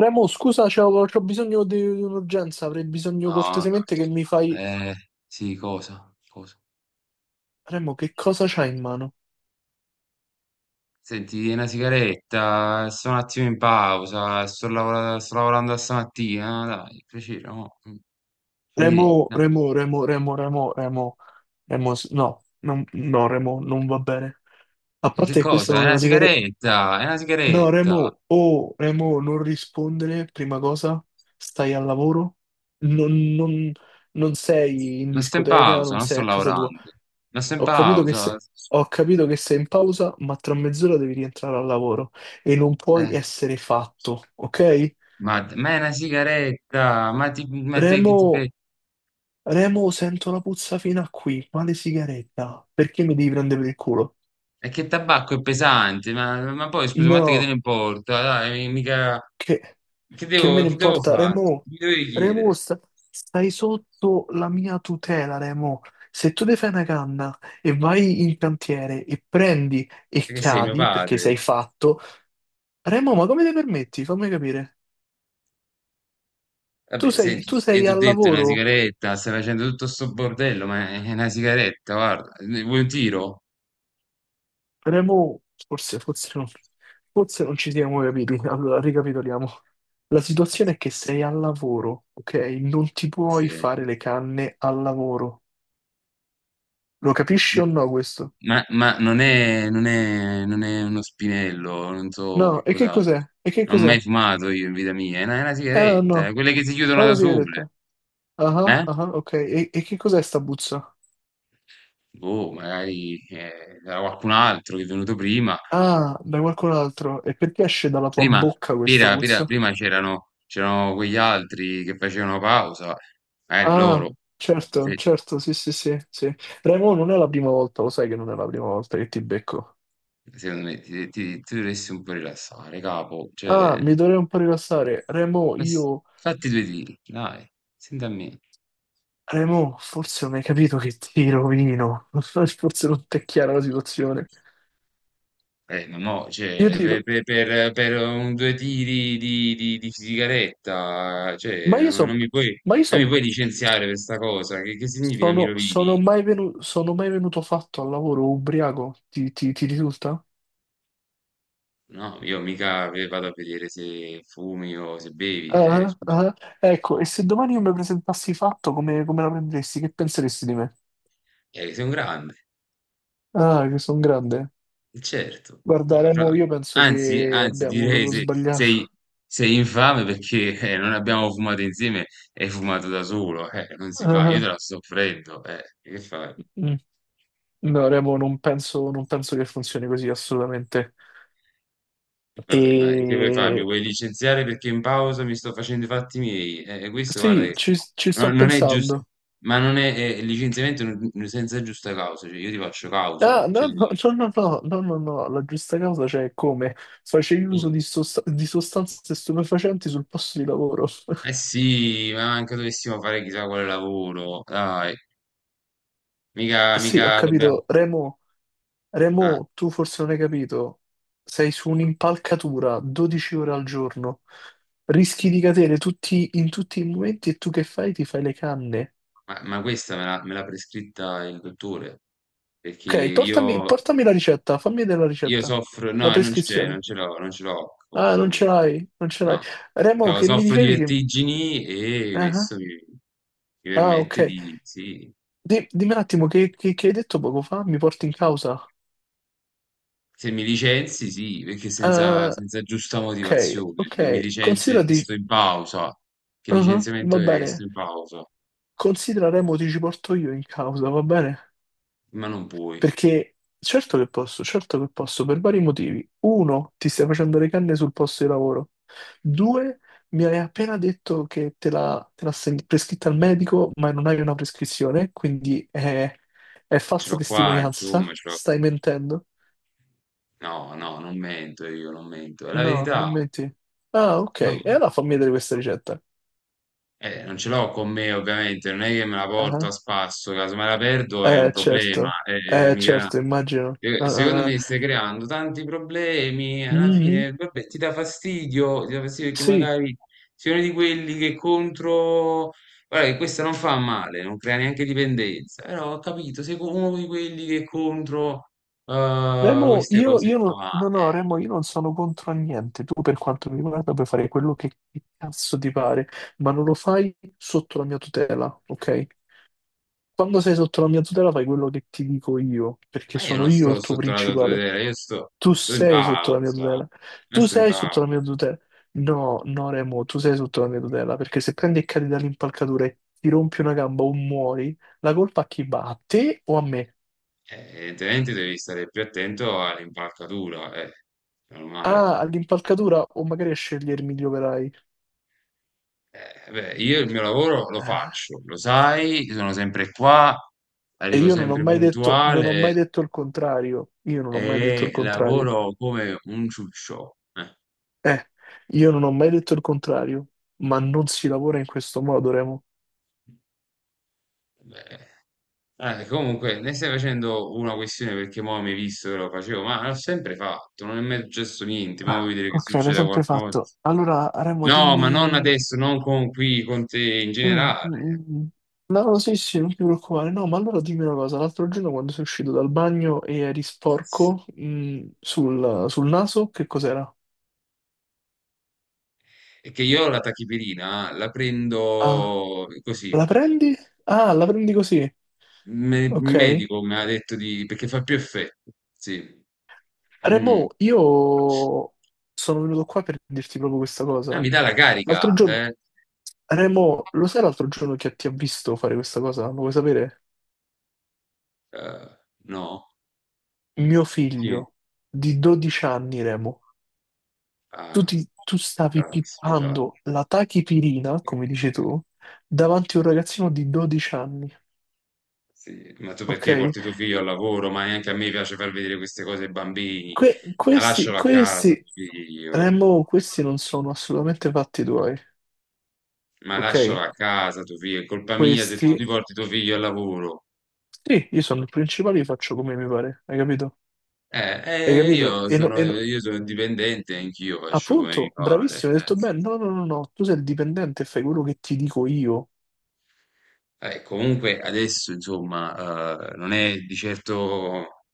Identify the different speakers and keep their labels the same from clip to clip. Speaker 1: Remo, scusa, c'ho bisogno di un'urgenza, avrei bisogno
Speaker 2: No, no.
Speaker 1: cortesemente che mi
Speaker 2: No.
Speaker 1: fai...
Speaker 2: Sì, cosa? Cosa?
Speaker 1: Remo, che cosa c'hai in mano?
Speaker 2: Senti, una sigaretta, sto un attimo in pausa, sto lavorando a stamattina, dai, piacere, no? Quindi,
Speaker 1: Remo,
Speaker 2: no.
Speaker 1: Remo, Remo, Remo, Remo, Remo, Remo, no, no, Remo, non va bene. A
Speaker 2: E che
Speaker 1: parte che questa
Speaker 2: cosa?
Speaker 1: non è una sigaretta...
Speaker 2: È una
Speaker 1: No,
Speaker 2: sigaretta,
Speaker 1: Remo, oh, Remo, non rispondere, prima cosa, stai al lavoro, non, non non sei in
Speaker 2: ma sto in
Speaker 1: discoteca,
Speaker 2: pausa,
Speaker 1: non
Speaker 2: non sto
Speaker 1: sei a casa tua.
Speaker 2: lavorando, ma sto in
Speaker 1: Ho capito che
Speaker 2: pausa,
Speaker 1: sei, ho capito che sei in pausa, ma tra mezz'ora devi rientrare al lavoro e non puoi
Speaker 2: eh,
Speaker 1: essere fatto, ok?
Speaker 2: ma è una sigaretta, ma, ti, ma te, che ti.
Speaker 1: Remo, Remo, sento la puzza fino a qui, ma le sigaretta, perché mi devi prendere per il culo?
Speaker 2: E che tabacco è pesante, ma poi scusa, ma a te che te ne
Speaker 1: No,
Speaker 2: importa? Dai, mica...
Speaker 1: che,
Speaker 2: Che
Speaker 1: che me
Speaker 2: devo,
Speaker 1: ne
Speaker 2: che devo
Speaker 1: importa,
Speaker 2: fare?
Speaker 1: Remo,
Speaker 2: Mi dovevi
Speaker 1: Remo,
Speaker 2: chiedere,
Speaker 1: stai sotto la mia tutela, Remo. Se tu ti fai una canna e vai in cantiere e prendi e
Speaker 2: perché sei mio
Speaker 1: cadi perché
Speaker 2: padre.
Speaker 1: sei fatto, Remo, ma come ti permetti? Fammi capire. Tu
Speaker 2: Vabbè,
Speaker 1: sei,
Speaker 2: senti,
Speaker 1: tu
Speaker 2: e
Speaker 1: sei
Speaker 2: ti ho
Speaker 1: al
Speaker 2: detto è una
Speaker 1: lavoro,
Speaker 2: sigaretta, stai facendo tutto sto bordello, ma è una sigaretta, guarda, vuoi un tiro?
Speaker 1: Remo, forse, forse non, forse non ci siamo capiti, allora ricapitoliamo. La situazione è che sei al lavoro, ok? Non ti puoi
Speaker 2: Sì.
Speaker 1: fare le canne al lavoro. Lo capisci o no questo?
Speaker 2: Ma non è uno spinello, non so che
Speaker 1: No, e che
Speaker 2: cosa...
Speaker 1: cos'è? E che
Speaker 2: Non ho mai
Speaker 1: cos'è?
Speaker 2: fumato io in vita mia, è una
Speaker 1: Ah,
Speaker 2: sigaretta,
Speaker 1: no,
Speaker 2: quelle che si
Speaker 1: è
Speaker 2: chiudono da
Speaker 1: una
Speaker 2: sole,
Speaker 1: sigaretta. Ah, ah,
Speaker 2: eh?
Speaker 1: ah, ok. E che cos'è sta puzza?
Speaker 2: Boh, magari era qualcun altro che è venuto prima.
Speaker 1: Ah, da qualcun altro. E perché esce dalla tua
Speaker 2: Prima,
Speaker 1: bocca questa
Speaker 2: prima- prima-
Speaker 1: puzza?
Speaker 2: prima c'erano quegli altri che facevano pausa, magari loro.
Speaker 1: Ah, certo,
Speaker 2: Se,
Speaker 1: certo, sì, sì, sì, sì. Remo non è la prima volta, lo sai che non è la prima volta che ti becco.
Speaker 2: secondo me ti dovresti un po' rilassare, capo.
Speaker 1: Ah,
Speaker 2: Cioè,
Speaker 1: mi dovrei un po' rilassare. Remo,
Speaker 2: ma s-
Speaker 1: io...
Speaker 2: fatti due tiri, dai, senti a me.
Speaker 1: Remo, forse non hai capito che ti rovino. Forse non ti è chiara la situazione.
Speaker 2: Ma no,
Speaker 1: Io
Speaker 2: cioè,
Speaker 1: ti...
Speaker 2: per,
Speaker 1: ro-
Speaker 2: per- per- per un due tiri di sigaretta, cioè,
Speaker 1: Ma io sono...
Speaker 2: non mi puoi,
Speaker 1: Ma io
Speaker 2: non mi
Speaker 1: son-
Speaker 2: puoi licenziare per sta cosa. Che significa mi rovini?
Speaker 1: Sono mai venuto fatto al lavoro ubriaco? Ti risulta?
Speaker 2: No, io mica vado a vedere se fumi o se bevi,
Speaker 1: Ah,
Speaker 2: scusa,
Speaker 1: ah, ah. Ecco, e se domani io mi presentassi fatto, come la prenderesti? Che penseresti di me?
Speaker 2: sei un grande,
Speaker 1: Ah, che sono grande.
Speaker 2: certo.
Speaker 1: Guarda,
Speaker 2: Ah, fra-
Speaker 1: Remo, io penso
Speaker 2: Anzi,
Speaker 1: che
Speaker 2: anzi,
Speaker 1: abbiamo
Speaker 2: direi
Speaker 1: proprio
Speaker 2: se
Speaker 1: sbagliato.
Speaker 2: sei, sei infame perché non abbiamo fumato insieme e hai fumato da solo, non si fa, io te
Speaker 1: Ah,
Speaker 2: la sto offrendo, che fai?
Speaker 1: mm. No, Remo, non penso che funzioni così assolutamente.
Speaker 2: Vabbè, ma che vuoi fare? Mi
Speaker 1: E
Speaker 2: vuoi licenziare perché in pausa mi sto facendo i fatti miei? Questo, guarda,
Speaker 1: sì,
Speaker 2: che
Speaker 1: ci sto
Speaker 2: non è giusto,
Speaker 1: pensando.
Speaker 2: ma non è, il licenziamento senza giusta causa, cioè io ti faccio causa,
Speaker 1: Ah,
Speaker 2: cioè,
Speaker 1: no, no, no, no, no, no, no, no, no, la giusta causa c'è come facevi uso di,
Speaker 2: eh.
Speaker 1: sosta- di sostanze stupefacenti sul posto di lavoro.
Speaker 2: Eh sì, ma anche dovessimo fare chissà quale lavoro, dai, mica,
Speaker 1: Sì, ho
Speaker 2: mica dobbiamo...
Speaker 1: capito, Remo.
Speaker 2: Ah,
Speaker 1: Remo, tu forse non hai capito, sei su un'impalcatura 12 ore al giorno, rischi di cadere in tutti i momenti e tu che fai? Ti fai le canne.
Speaker 2: ma questa me l'ha prescritta il dottore, perché
Speaker 1: Ok, portami,
Speaker 2: io,
Speaker 1: portami la ricetta, fammi vedere la
Speaker 2: io
Speaker 1: ricetta,
Speaker 2: soffro...
Speaker 1: la
Speaker 2: No, non c'è, non
Speaker 1: prescrizione.
Speaker 2: ce l'ho, non ce l'ho qua
Speaker 1: Ah, non
Speaker 2: con
Speaker 1: ce
Speaker 2: me,
Speaker 1: l'hai, non ce l'hai.
Speaker 2: no.
Speaker 1: Remo,
Speaker 2: Cioè,
Speaker 1: che mi
Speaker 2: soffro di
Speaker 1: dicevi che...
Speaker 2: vertigini e
Speaker 1: Ah,
Speaker 2: questo mi
Speaker 1: ah, ok.
Speaker 2: permette di... Sì,
Speaker 1: Dimmi un attimo, che hai detto poco fa? Mi porti in causa?
Speaker 2: se mi licenzi, sì, perché senza,
Speaker 1: Ah,
Speaker 2: senza giusta
Speaker 1: ok,
Speaker 2: motivazione, che mi
Speaker 1: ok,
Speaker 2: licenzi, che
Speaker 1: considerati...
Speaker 2: sto in pausa, che
Speaker 1: ah,
Speaker 2: licenziamento
Speaker 1: va
Speaker 2: è che sto
Speaker 1: bene,
Speaker 2: in pausa.
Speaker 1: considera Remo, ti ci porto io in causa, va bene?
Speaker 2: Ma non puoi,
Speaker 1: Perché certo che posso, per vari motivi. Uno, ti stai facendo le canne sul posto di lavoro. Due, mi hai appena detto che te l'ha prescritta il medico, ma non hai una prescrizione, quindi è
Speaker 2: ce
Speaker 1: falsa
Speaker 2: l'ho qua, insomma,
Speaker 1: testimonianza.
Speaker 2: ce l'ho...
Speaker 1: Stai mentendo?
Speaker 2: No, no, non mento io, non mento, è la
Speaker 1: No,
Speaker 2: verità.
Speaker 1: non menti. Ah, ok.
Speaker 2: No.
Speaker 1: E allora fammi vedere questa ricetta.
Speaker 2: Non ce l'ho con me, ovviamente, non è che me la porto a
Speaker 1: Ah,
Speaker 2: spasso, caso me la perdo è un
Speaker 1: eh,
Speaker 2: problema.
Speaker 1: certo.
Speaker 2: eh, eh, mica-
Speaker 1: Certo, immagino. Ah,
Speaker 2: eh, Secondo
Speaker 1: ah, ah.
Speaker 2: me stai creando tanti problemi, alla
Speaker 1: Mhm.
Speaker 2: fine vabbè, ti dà fastidio perché
Speaker 1: Sì.
Speaker 2: magari sei uno di quelli che contro... Guarda che questa non fa male, non crea neanche dipendenza, però ho capito, sei uno di quelli che contro
Speaker 1: Remo,
Speaker 2: queste cose
Speaker 1: io non,
Speaker 2: qua.
Speaker 1: no, no,
Speaker 2: Eh,
Speaker 1: Remo, io non sono contro a niente. Tu, per quanto mi riguarda, puoi fare quello che cazzo ti pare, ma non lo fai sotto la mia tutela, ok? Quando sei sotto la mia tutela, fai quello che ti dico io, perché
Speaker 2: ma io
Speaker 1: sono
Speaker 2: non
Speaker 1: io
Speaker 2: sto
Speaker 1: il tuo
Speaker 2: sotto la tua
Speaker 1: principale.
Speaker 2: tutela, io sto,
Speaker 1: Tu
Speaker 2: sto in
Speaker 1: sei sotto la mia
Speaker 2: pausa,
Speaker 1: tutela.
Speaker 2: ma
Speaker 1: Tu
Speaker 2: sto in
Speaker 1: sei sotto
Speaker 2: pausa.
Speaker 1: la mia tutela. No, no, Remo, tu sei sotto la mia tutela, perché se prendi e cadi dall'impalcatura e ti rompi una gamba o muori, la colpa a chi va? A te o a me?
Speaker 2: Evidentemente devi stare più attento all'impalcatura, è normale.
Speaker 1: Ah, all'impalcatura o magari a scegliermi gli operai?
Speaker 2: Beh, io il mio lavoro lo
Speaker 1: Eh,
Speaker 2: faccio, lo sai, sono sempre qua,
Speaker 1: E
Speaker 2: arrivo
Speaker 1: io non ho
Speaker 2: sempre
Speaker 1: mai detto, non ho
Speaker 2: puntuale
Speaker 1: mai detto il contrario. Io non ho mai detto il
Speaker 2: e
Speaker 1: contrario.
Speaker 2: lavoro come un ciuccio.
Speaker 1: Eh, io non ho mai detto il contrario, ma non si lavora in questo modo, Remo.
Speaker 2: Beh. Comunque, ne stai facendo una questione perché mo' mi hai visto che lo facevo, ma l'ho sempre fatto, non è mai successo niente, ma vuoi
Speaker 1: Ah,
Speaker 2: vedere che
Speaker 1: ok, l'hai
Speaker 2: succeda
Speaker 1: sempre
Speaker 2: qualcosa?
Speaker 1: fatto. Allora, Remo,
Speaker 2: No, ma non
Speaker 1: dimmi...
Speaker 2: adesso, non con qui, con te in
Speaker 1: Mm, mm,
Speaker 2: generale.
Speaker 1: mm. Mm. No, sì, sì, non ti preoccupare. No, ma allora dimmi una cosa. L'altro giorno quando sei uscito dal bagno e eri sporco, sul naso, che cos'era?
Speaker 2: È che io la tachipirina la
Speaker 1: Ah,
Speaker 2: prendo così,
Speaker 1: la prendi? Ah, la prendi così.
Speaker 2: il
Speaker 1: Ok.
Speaker 2: medico mi ha detto di, perché fa più effetto, sì. Mm.
Speaker 1: Remo, io sono venuto qua per dirti proprio questa
Speaker 2: No,
Speaker 1: cosa.
Speaker 2: mi dà la carica,
Speaker 1: L'altro giorno,
Speaker 2: eh?
Speaker 1: Remo, lo sai l'altro giorno che ti ha visto fare questa cosa? Lo vuoi sapere?
Speaker 2: Eh, no?
Speaker 1: Mio
Speaker 2: Chi è?
Speaker 1: figlio di 12 anni, Remo, tu,
Speaker 2: Ah,
Speaker 1: ti- tu stavi
Speaker 2: caspita.
Speaker 1: pippando la tachipirina, come
Speaker 2: Ok,
Speaker 1: dici tu, davanti a un ragazzino di 12 anni,
Speaker 2: sì. Ma tu perché
Speaker 1: ok?
Speaker 2: porti tuo figlio al lavoro? Ma neanche a me piace far vedere queste cose ai bambini.
Speaker 1: Que-
Speaker 2: Ma
Speaker 1: questi,
Speaker 2: lascialo a casa,
Speaker 1: questi,
Speaker 2: tuo figlio.
Speaker 1: Remo, questi non sono assolutamente fatti tuoi,
Speaker 2: Ma
Speaker 1: ok?
Speaker 2: lascialo a casa tuo figlio, è colpa mia se tu ti
Speaker 1: Questi.
Speaker 2: porti tuo figlio al lavoro.
Speaker 1: Sì, io sono il principale, io faccio come mi pare, hai capito?
Speaker 2: Eh,
Speaker 1: Hai
Speaker 2: eh,
Speaker 1: capito?
Speaker 2: io sono, io sono dipendente, anch'io faccio come mi
Speaker 1: Appunto,
Speaker 2: pare.
Speaker 1: bravissimo, hai detto bene, no, no, no, no, tu sei il dipendente, e fai quello che ti dico io.
Speaker 2: Comunque adesso, insomma, non è di certo,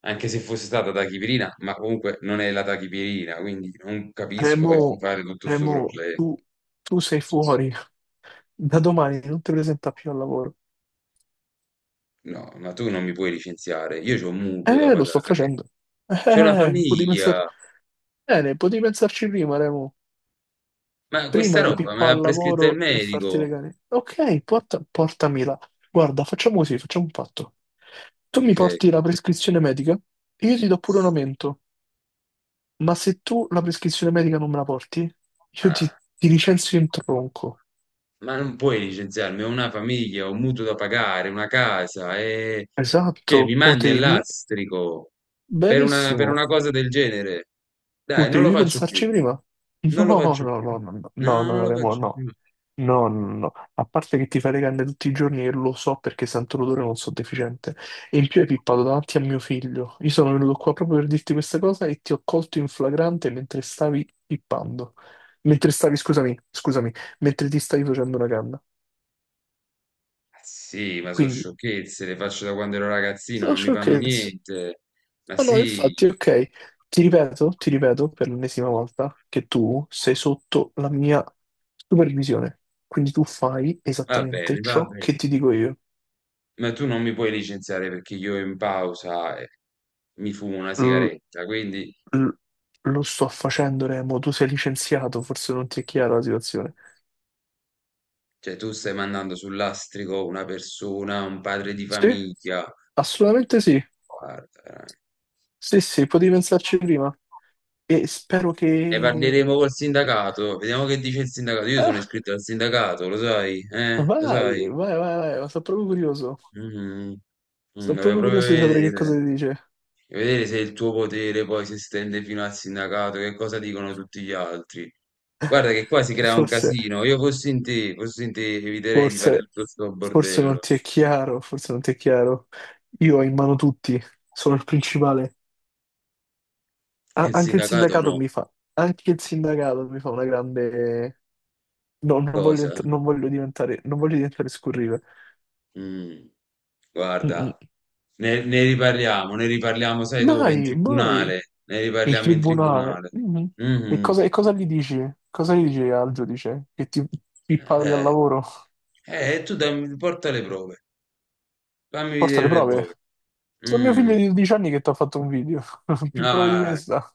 Speaker 2: anche se fosse stata tachipirina, ma comunque non è la tachipirina, quindi non capisco
Speaker 1: Remo,
Speaker 2: perché fare tutto questo
Speaker 1: Remo,
Speaker 2: problema.
Speaker 1: tu sei fuori, da domani non ti presenta più al lavoro.
Speaker 2: No, ma tu non mi puoi licenziare, io c'ho un mutuo da
Speaker 1: Lo sto
Speaker 2: pagare,
Speaker 1: facendo. Eh, eh,
Speaker 2: c'è una
Speaker 1: eh, eh, potevi pensar-
Speaker 2: famiglia,
Speaker 1: bene, potevi pensarci prima, Remo.
Speaker 2: ma questa
Speaker 1: Prima di
Speaker 2: roba me
Speaker 1: pippare
Speaker 2: l'ha
Speaker 1: al
Speaker 2: prescritta il
Speaker 1: lavoro e farti
Speaker 2: medico.
Speaker 1: regalare. Ok, portami là. Guarda, facciamo così, facciamo un patto. Tu mi
Speaker 2: Ok.
Speaker 1: porti la prescrizione medica, e io ti do pure un
Speaker 2: Sì.
Speaker 1: aumento, ma se tu la prescrizione medica non me la porti, io
Speaker 2: Eh,
Speaker 1: ti licenzio in tronco.
Speaker 2: ma non puoi licenziarmi, ho una famiglia, ho un mutuo da pagare, una casa, e... cioè mi
Speaker 1: Esatto,
Speaker 2: mandi all'astrico per una, per
Speaker 1: benissimo,
Speaker 2: una cosa del genere. Dai, non lo
Speaker 1: potevi
Speaker 2: faccio più,
Speaker 1: pensarci prima. No,
Speaker 2: non lo
Speaker 1: no,
Speaker 2: faccio
Speaker 1: no,
Speaker 2: più,
Speaker 1: no, no, no, no,
Speaker 2: no, non
Speaker 1: no,
Speaker 2: lo
Speaker 1: Remo,
Speaker 2: faccio
Speaker 1: no.
Speaker 2: più.
Speaker 1: No, no, no, no. A parte che ti fai le canne tutti i giorni e lo so perché sento l'odore e non sono deficiente. E in più hai pippato davanti a mio figlio. Io sono venuto qua proprio per dirti questa cosa e ti ho colto in flagrante mentre stavi pippando. Mentre stavi, scusami, scusami, mentre ti stavi facendo una canna.
Speaker 2: Ah, sì, ma sono
Speaker 1: Quindi,
Speaker 2: sciocchezze, le faccio da quando ero ragazzino,
Speaker 1: sono
Speaker 2: non mi fanno
Speaker 1: sciocchezze.
Speaker 2: niente. Ma
Speaker 1: No, no,
Speaker 2: sì,
Speaker 1: infatti, ok. Ti ripeto per l'ennesima volta che tu sei sotto la mia supervisione. Quindi tu fai
Speaker 2: va
Speaker 1: esattamente
Speaker 2: bene, va
Speaker 1: ciò
Speaker 2: bene.
Speaker 1: che ti dico io.
Speaker 2: Ma tu non mi puoi licenziare perché io in pausa mi fumo una sigaretta, quindi
Speaker 1: L- lo sto facendo, Remo. Tu sei licenziato, forse non ti è chiara la situazione.
Speaker 2: cioè, tu stai mandando sul lastrico una persona, un padre di
Speaker 1: Sì,
Speaker 2: famiglia.
Speaker 1: assolutamente sì.
Speaker 2: Guarda, veramente.
Speaker 1: Sì, sì, potevi pensarci prima. E spero
Speaker 2: Ne
Speaker 1: che...
Speaker 2: parleremo col sindacato, vediamo che dice il sindacato. Io sono
Speaker 1: Ah,
Speaker 2: iscritto al sindacato, lo sai, eh? Lo
Speaker 1: vai,
Speaker 2: sai?
Speaker 1: vai, vai, vai, ma sono proprio curioso.
Speaker 2: Mm, mm,
Speaker 1: Sono
Speaker 2: dovevo
Speaker 1: proprio
Speaker 2: proprio
Speaker 1: curioso di sapere che cosa
Speaker 2: vedere.
Speaker 1: ti dice.
Speaker 2: E vedere se il tuo potere poi si estende fino al sindacato, che cosa dicono tutti gli altri. Guarda che qua si crea un
Speaker 1: Forse,
Speaker 2: casino. Io fossi in te, eviterei di fare
Speaker 1: forse,
Speaker 2: tutto sto
Speaker 1: forse non
Speaker 2: bordello.
Speaker 1: ti è chiaro, forse non ti è chiaro. Io ho in mano tutti, sono il principale.
Speaker 2: E
Speaker 1: A-
Speaker 2: il
Speaker 1: anche il
Speaker 2: sindacato
Speaker 1: sindacato
Speaker 2: no.
Speaker 1: mi fa, anche il sindacato mi fa una grande. No, non voglio,
Speaker 2: Cosa?
Speaker 1: ent- non voglio diventare, non voglio diventare scurrile.
Speaker 2: Mm,
Speaker 1: Mm-mm.
Speaker 2: guarda, ne riparliamo, sai dove? In
Speaker 1: Dai, vai.
Speaker 2: tribunale. Ne
Speaker 1: Il
Speaker 2: riparliamo in
Speaker 1: tribunale.
Speaker 2: tribunale.
Speaker 1: Mm. E cosa,
Speaker 2: Mhm.
Speaker 1: e cosa gli dici? Cosa gli dici al giudice? Che ti pippavi al
Speaker 2: Eh,
Speaker 1: lavoro?
Speaker 2: tu dammi, porta le prove. Fammi
Speaker 1: Porta
Speaker 2: vedere
Speaker 1: le
Speaker 2: le
Speaker 1: prove.
Speaker 2: prove.
Speaker 1: Sono mio
Speaker 2: Mm.
Speaker 1: figlio di 12 anni che ti ha fatto un video. Più prove di
Speaker 2: Ah,
Speaker 1: questa.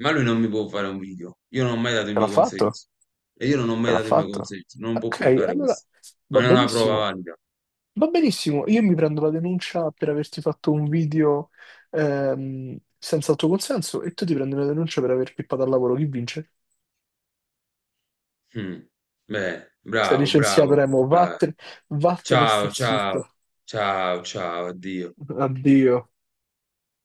Speaker 2: ma lui non mi può fare un video. Io non ho mai dato il
Speaker 1: Te l'ha
Speaker 2: mio
Speaker 1: fatto?
Speaker 2: consenso. E io non ho
Speaker 1: Te
Speaker 2: mai
Speaker 1: l'ha
Speaker 2: dato il mio
Speaker 1: fatto?
Speaker 2: consenso. Non può
Speaker 1: Ok,
Speaker 2: portare
Speaker 1: allora
Speaker 2: questo.
Speaker 1: va
Speaker 2: Non è una prova
Speaker 1: benissimo.
Speaker 2: valida.
Speaker 1: Va benissimo. Io mi prendo la denuncia per averti fatto un video senza il tuo consenso e tu ti prendi la denuncia per aver pippato al lavoro. Chi vince?
Speaker 2: Mm. Beh,
Speaker 1: Sei
Speaker 2: bravo,
Speaker 1: licenziato,
Speaker 2: bravo.
Speaker 1: Remo.
Speaker 2: Vai.
Speaker 1: Vattene, vattene, e stai
Speaker 2: Ciao, ciao.
Speaker 1: zitto.
Speaker 2: Ciao, ciao, addio.
Speaker 1: Addio.